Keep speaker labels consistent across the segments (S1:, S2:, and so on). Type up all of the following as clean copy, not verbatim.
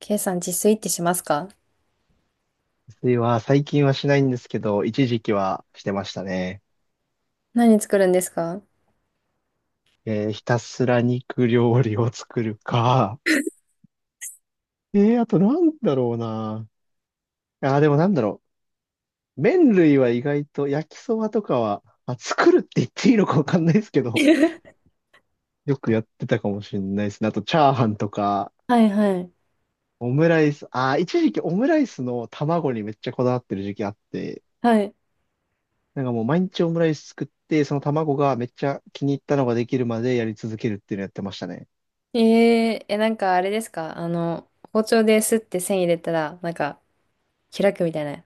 S1: ケイさん自炊ってしますか？
S2: 水は最近はしないんですけど、一時期はしてましたね。
S1: 何作るんですか？
S2: ひたすら肉料理を作るか。あとなんだろうな。あー、でもなんだろう。麺類は意外と焼きそばとかは、まあ、作るって言っていいのかわかんないですけど、よくやってたかもしれないですね。あとチャーハンとか、
S1: はいはい。
S2: オムライス。あー、一時期オムライスの卵にめっちゃこだわってる時期あって、
S1: はい。
S2: なんかもう毎日オムライス作って、その卵がめっちゃ気に入ったのができるまでやり続けるっていうのやってましたね。
S1: えー、え、なんかあれですか包丁ですって線入れたら、なんか開くみたいな。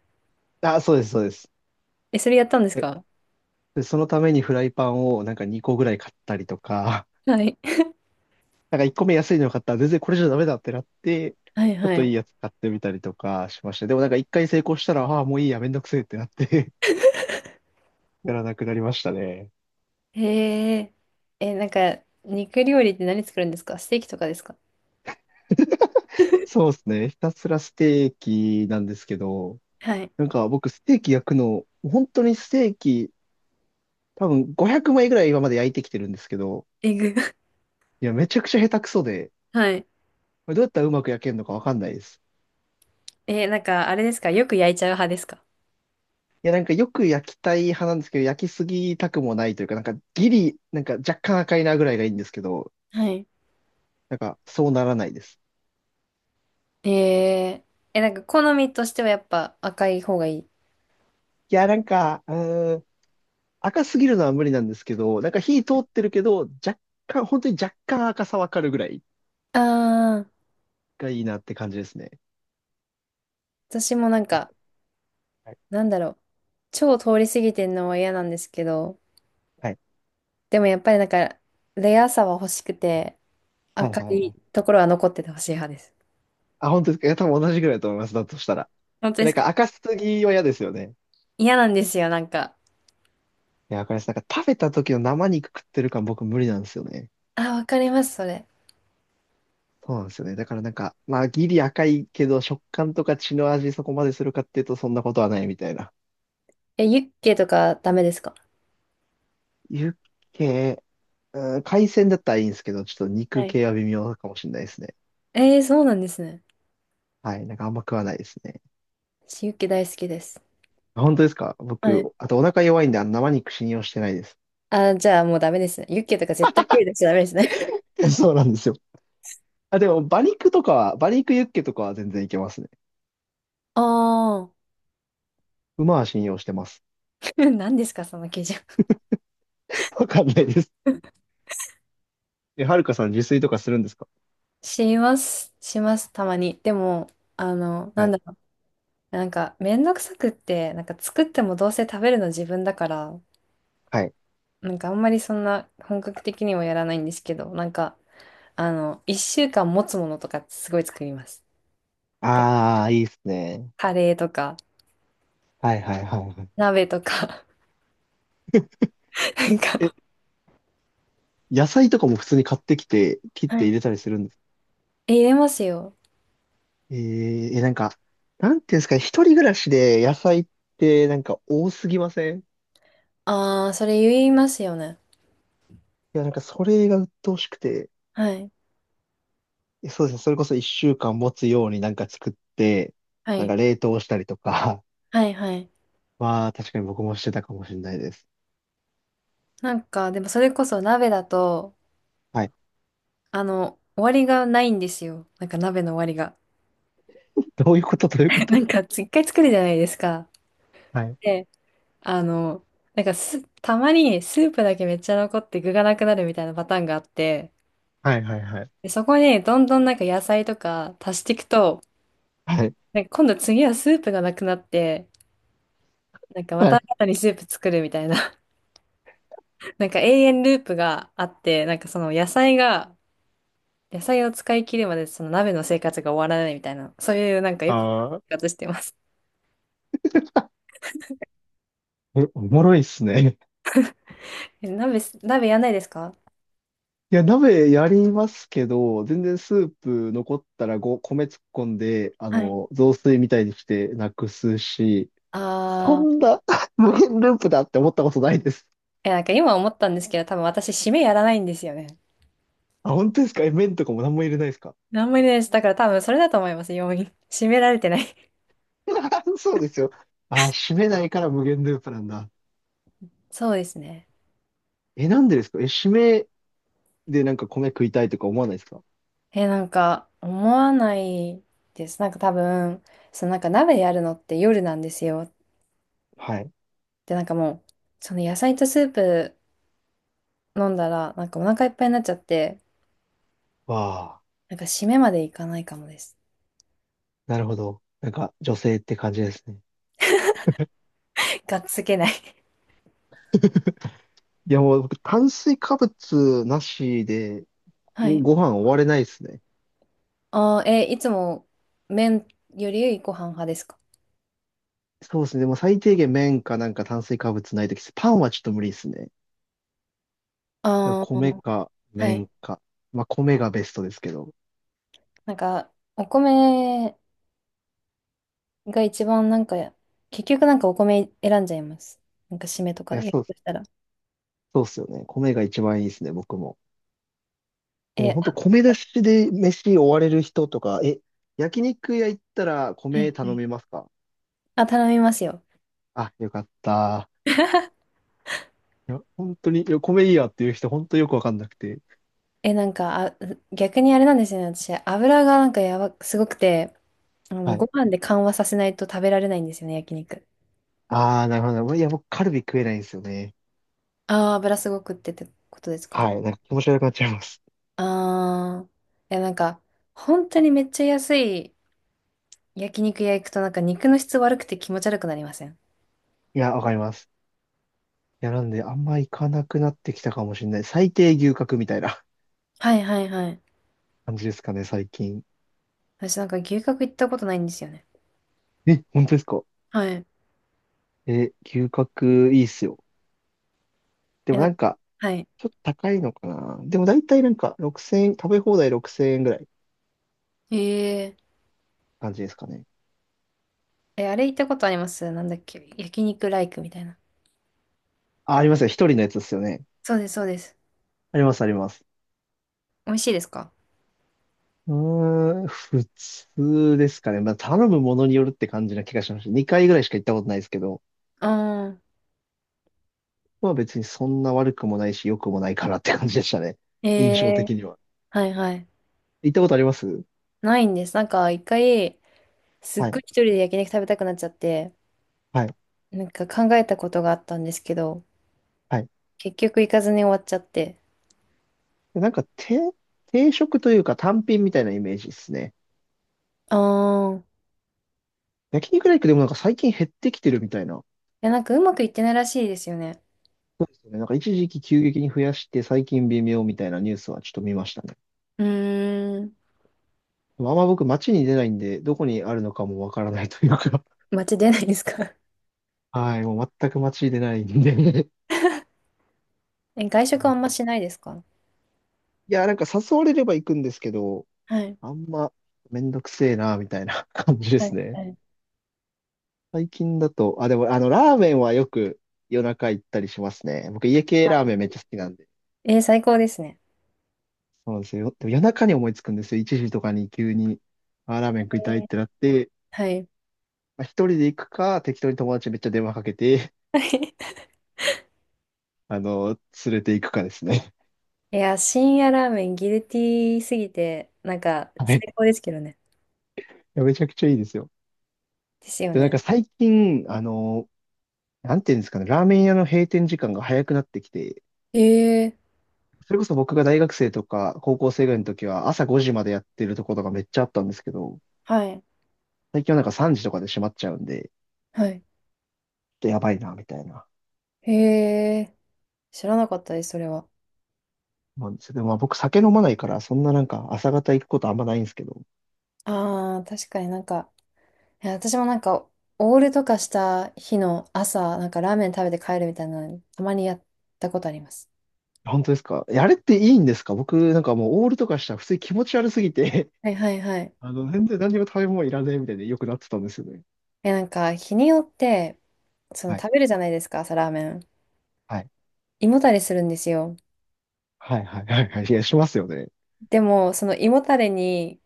S2: あ、そうです、そうです。
S1: え、それやったんです
S2: え、
S1: か？
S2: で、そのためにフライパンをなんか2個ぐらい買ったりとか、
S1: はい。
S2: なんか1個目安いの買ったら全然これじゃダメだってなって、
S1: はい
S2: ちょっ
S1: は
S2: といい
S1: い。
S2: やつ買ってみたりとかしました。でもなんか1回成功したら、ああ、もういいや、めんどくせえってなって やらなくなりましたね。
S1: へえー、え、なんか肉料理って何作るんですか？ステーキとかですか？
S2: そうですね。ひたすらステーキなんですけど、
S1: はい。
S2: なんか僕ステーキ焼くの、本当にステーキ、多分500枚ぐらい今まで焼いてきてるんですけど、
S1: エグ。
S2: いや、めちゃくちゃ下手くそで、
S1: はい。
S2: これどうやったらうまく焼けるのかわかんないです。
S1: えー、なんかあれですか？よく焼いちゃう派ですか？
S2: いや、なんかよく焼きたい派なんですけど、焼きすぎたくもないというか、なんかギリ、なんか若干赤いなぐらいがいいんですけど、
S1: はい。
S2: なんかそうならないです。
S1: えー、え、なんか好みとしてはやっぱ赤い方がいい。
S2: いや、なんか、うーん、赤すぎるのは無理なんですけど、なんか火通ってるけど、若干、本当に若干赤さわかるぐらい
S1: ああ、
S2: がいいなって感じですね。
S1: 私もなん
S2: はい。
S1: か
S2: はい。
S1: なんだろう。超通り過ぎてんのは嫌なんですけど、
S2: は
S1: でもやっぱりなんか、レアさは欲しくて、
S2: いはい
S1: 赤
S2: は
S1: い
S2: い。
S1: ところは残っててほしい派です。
S2: あ、本当ですか。いや、多分同じぐらいだと思います。だとしたら。
S1: 本当で
S2: なん
S1: すか？
S2: か赤すぎは嫌ですよね。
S1: 嫌なんですよ、なんか。
S2: いや、わかります。なんか食べた時の生肉食ってる感僕無理なんですよね。
S1: あ、わかります、それ。
S2: そうなんですよね。だからなんか、まあ、ギリ赤いけど、食感とか血の味そこまでするかっていうと、そんなことはないみたいな。
S1: え、ユッケとかダメですか？
S2: ユッケ、うん、海鮮だったらいいんですけど、ちょっと肉
S1: はい。
S2: 系は微妙かもしれないですね。
S1: えー、そうなんですね。
S2: はい。なんかあんま食わないですね。
S1: 私ユッケ大好きです。
S2: あ、本当ですか？
S1: はい。
S2: 僕、あとお腹弱いんで、あの生肉信用してないです。
S1: あ、じゃあもうダメですね。ユッケとか絶対手出しちゃダメですね。
S2: そうなんですよ。あ、でも、馬肉とかは、馬肉ユッケとかは全然いけますね。
S1: ああ、
S2: 馬は信用してます。
S1: 何ですか、その基準。
S2: わかんないです。え、はるかさん自炊とかするんですか？
S1: します、します、たまに。でも、な
S2: は
S1: ん
S2: い。
S1: だろう。なんか、めんどくさくって、なんか作ってもどうせ食べるの自分だから、
S2: はい。
S1: なんかあんまりそんな本格的にはやらないんですけど、なんか、あの、一週間持つものとかすごい作ります。で
S2: ああ、いいですね。
S1: カレーとか、
S2: はいはいはいはい。
S1: 鍋とか、なんか
S2: 野菜とかも普通に買ってきて、切っ
S1: は
S2: て
S1: い
S2: 入れたりするんです。
S1: え、入れますよ。
S2: えー、え、なんか、なんていうんですかね、一人暮らしで野菜ってなんか多すぎません？い
S1: ああ、それ言いますよね。
S2: や、なんかそれが鬱陶しくて、
S1: はい。
S2: え、そうですね、それこそ一週間持つようになんか作って、
S1: は
S2: なん
S1: い。
S2: か冷凍したりとか、
S1: はい、はい。
S2: まあ確かに僕もしてたかもしれないです。
S1: なんか、でもそれこそ鍋だと、
S2: はい。
S1: あの、終わりがないんですよ。なんか鍋の終わりが。
S2: どういうこと？どういうこ
S1: な
S2: と？
S1: んか、一回作るじゃないですか。
S2: はい。
S1: であの、なんかす、たまにスープだけめっちゃ残って具がなくなるみたいなパターンがあって、
S2: はいはいはい。
S1: で、そこにどんどんなんか野菜とか足していくと、
S2: はい。
S1: なんか今度次はスープがなくなって、なんかま
S2: は
S1: た
S2: い。
S1: 新たにスープ作るみたいな、なんか永遠ループがあって、なんかその野菜が、野菜を使い切るまでその鍋の生活が終わらないみたいな、そういうなんかよく
S2: ああ、
S1: 生活してます。
S2: おおもろいっすね。
S1: え、鍋す、鍋やんないですか？
S2: いや、鍋やりますけど、全然スープ残ったらご米突っ込んで、あ
S1: はい。
S2: の、雑炊みたいにしてなくすし、そ
S1: あ
S2: ん
S1: あー、
S2: な 無限ループだって思ったことないです。
S1: いやなんか今思ったんですけど、多分私締めやらないんですよね。
S2: あ、本当ですか？え、麺とかも何も入れないですか？
S1: 何もいないです。だから多分それだと思います、要因。締められてない
S2: そうですよ。あ、締めないから無限ループなんだ。
S1: そうですね。
S2: え、なんでですか？え、締めでなんか米食いたいとか思わないですか？
S1: え、なんか、思わないです。なんか多分、そのなんか鍋やるのって夜なんですよ。
S2: はい。
S1: で、なんかもう、その野菜とスープ飲んだら、なんかお腹いっぱいになっちゃって、
S2: わあ、
S1: なんか締めまでいかないかもです。
S2: なるほど。なんか女性って感じですね。
S1: がっつけない
S2: いやもう僕炭水化物なしで
S1: はい。
S2: ご飯終われないですね。
S1: あー、え、いつも麺よりご飯派ですか？
S2: そうですね。でも最低限麺かなんか炭水化物ないとき、パンはちょっと無理ですね。だから
S1: ああ
S2: 米
S1: ー、
S2: か
S1: はい。
S2: 麺か。まあ米がベストですけど。
S1: なんか、お米が一番なんか、結局なんかお米選んじゃいます。なんか締めと
S2: い
S1: か、
S2: や、
S1: やる
S2: そう、
S1: としたら。
S2: そうっすよね。米が一番いいですね、僕も。え、で
S1: え、
S2: も
S1: あ
S2: 本当米出しで飯終われる人とか、え、焼肉屋行ったら
S1: は
S2: 米
S1: いは
S2: 頼
S1: い。
S2: みますか？
S1: あ、頼みますよ。
S2: あ、よかった。いや、本当に、いや米いいやっていう人本当よくわかんなくて。
S1: え、なんか、あ、逆にあれなんですよね。私、油がなんかやば、すごくて、あ
S2: は
S1: の、
S2: い。
S1: ご飯で緩和させないと食べられないんですよね、焼肉。
S2: ああ、なるほど。いや、僕カルビ食えないんですよね。
S1: ああ、油すごくってってことですか？
S2: はい。なんか気持ち悪くなっちゃいます。
S1: ああー、いや、なんか、本当にめっちゃ安い焼肉屋行くとなんか肉の質悪くて気持ち悪くなりません？
S2: いや、わかります。や、なんで、あんま行かなくなってきたかもしれない。最低牛角みたいな
S1: はいはいはい。
S2: 感じですかね、最近。
S1: 私なんか牛角行ったことないんですよね。
S2: え、本当ですか？
S1: はい。
S2: え、牛角いいっすよ。で
S1: え、
S2: も
S1: なん
S2: な
S1: か
S2: んか、
S1: はい。
S2: ちょっと高いのかな。でも大体なんか、6000円、食べ放題6000円ぐらい
S1: ええ
S2: 感じですかね。
S1: え、あれ行ったことありますなんだっけ焼肉ライクみたいな。
S2: あ、ありますよ。一人のやつですよね。
S1: そうです、そうです。
S2: あります、あります。
S1: 美味しいですか？
S2: うーん、普通ですかね。まあ、頼むものによるって感じな気がしました。2回ぐらいしか行ったことないですけど、
S1: ああ、
S2: まあ別にそんな悪くもないし、良くもないかなって感じでしたね。
S1: え
S2: 印象
S1: え
S2: 的には。
S1: はいはい。
S2: 行ったことあります？
S1: ないんです。なんか一回、すっ
S2: は
S1: ごい
S2: い。
S1: 一人で焼肉食べたくなっちゃって、
S2: はい。
S1: なんか考えたことがあったんですけど、
S2: はい。
S1: 結局行かずに終わっちゃって。
S2: で、なんか、定、定食というか単品みたいなイメージですね。
S1: ああ、い
S2: 焼肉ライクでもなんか最近減ってきてるみたいな。
S1: や、なんかうまくいってないらしいですよね。
S2: そうですよね。なんか一時期急激に増やして最近微妙みたいなニュースはちょっと見ましたね。
S1: うーん、
S2: でもあんま僕街に出ないんで、どこにあるのかもわからないというか。
S1: 街出ないですか？
S2: はい。もう全く街に出ないんで。
S1: え、外食あんましないですか？
S2: いや、なんか誘われれば行くんですけど、
S1: はい。
S2: あんまめんどくせえな、みたいな 感じで
S1: はい、
S2: すね。
S1: はい。
S2: 最近だと、あ、でもあの、ラーメンはよく夜中行ったりしますね。僕家系ラーメンめっちゃ好きなんで。
S1: えー最高ですね。
S2: そうなんですよ。でも夜中に思いつくんですよ。1時とかに急に、あ、ラーメ
S1: え
S2: ン食いたいっ
S1: ー
S2: てなって、
S1: はい。
S2: まあ、一人で行くか、適当に友達にめっちゃ電話かけて、あの、連れて行くかですね。
S1: いや、深夜ラーメンギルティーすぎて、なんか
S2: はい。い
S1: 最高ですけどね。
S2: やめちゃくちゃいいですよ。
S1: ですよ
S2: で、なん
S1: ね。
S2: か最近、あの、なんていうんですかね、ラーメン屋の閉店時間が早くなってきて、
S1: ええ
S2: それこそ僕が大学生とか高校生ぐらいの時は朝5時までやってるところがめっちゃあったんですけど、
S1: はい。
S2: 最近はなんか3時とかで閉まっちゃうんで、ちょ
S1: はい。
S2: っとやばいな、みたいな。
S1: へえ知らなかったです、それは。
S2: 思んですよ。でもまあ僕酒飲まないから、そんななんか朝方行くことあんまないんですけど、
S1: ああ、確かになんか、いや、私もなんか、オールとかした日の朝、なんかラーメン食べて帰るみたいなの、たまにやったことあります。
S2: 本当ですか？え、あれっていいんですか？僕なんかもうオールとかしたら普通に気持ち悪すぎて
S1: はいはいはい。
S2: あの、全然何にも食べ物いらねえみたいでよくなってたんですよね。
S1: え、なんか、日によって、その
S2: はい、
S1: 食べるじゃないですか、朝ラーメン。
S2: はい。
S1: 胃もたれするんですよ。
S2: はいはいはいはい。いや、しますよね。
S1: でも、その胃もたれに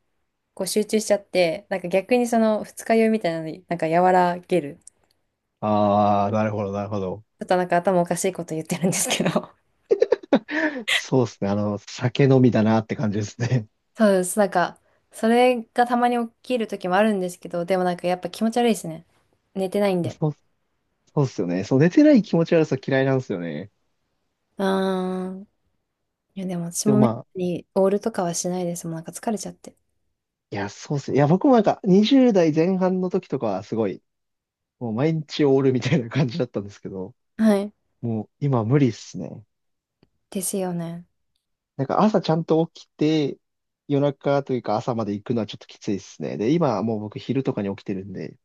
S1: こう集中しちゃって、なんか逆にその二日酔いみたいなのになんか和らげる。
S2: ああ、なるほど、なるほど。
S1: ちょっとなんか頭おかしいこと言ってるんですけど。
S2: そうですね。あの、酒飲みだなって感じですね。
S1: そうです。なんか、それがたまに起きる時もあるんですけど、でもなんかやっぱ気持ち悪いですね。寝てないん
S2: いや、
S1: で。
S2: そう、そうっすよね。そう、寝てない気持ち悪さ嫌いなんですよね。
S1: うーん。いやでも私
S2: でも
S1: もめっ
S2: ま
S1: た
S2: あ、
S1: にオールとかはしないですもん。なんか疲れちゃって。
S2: いや、そうっすね、いや、僕もなんか20代前半の時とかはすごい、もう毎日オールみたいな感じだったんですけど、
S1: はい。
S2: もう今無理っすね。
S1: ですよね。
S2: なんか朝ちゃんと起きて、夜中というか朝まで行くのはちょっときついですね。で、今はもう僕昼とかに起きてるんで、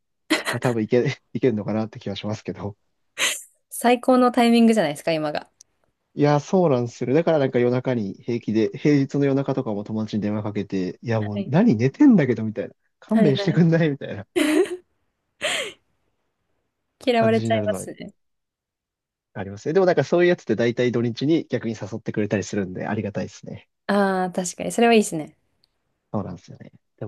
S2: まあ多分いけ、いけるのかなって気はしますけど。
S1: 最高のタイミングじゃないですか、今が。
S2: いや、そうなんですよ。だからなんか夜中に平気で、平日の夜中とかも友達に電話かけて、いやも
S1: は
S2: う
S1: い。
S2: 何寝てんだけどみたいな。勘
S1: はい
S2: 弁
S1: は
S2: して
S1: い。
S2: くんないみたいな
S1: 嫌わ
S2: 感
S1: れ
S2: じ
S1: ち
S2: に
S1: ゃ
S2: な
S1: い
S2: る
S1: ま
S2: のは
S1: すね。
S2: ありますね。でもなんかそういうやつって大体土日に逆に誘ってくれたりするんでありがたいですね。
S1: ああ、確かに。それはいいですね。
S2: そうなんですよね。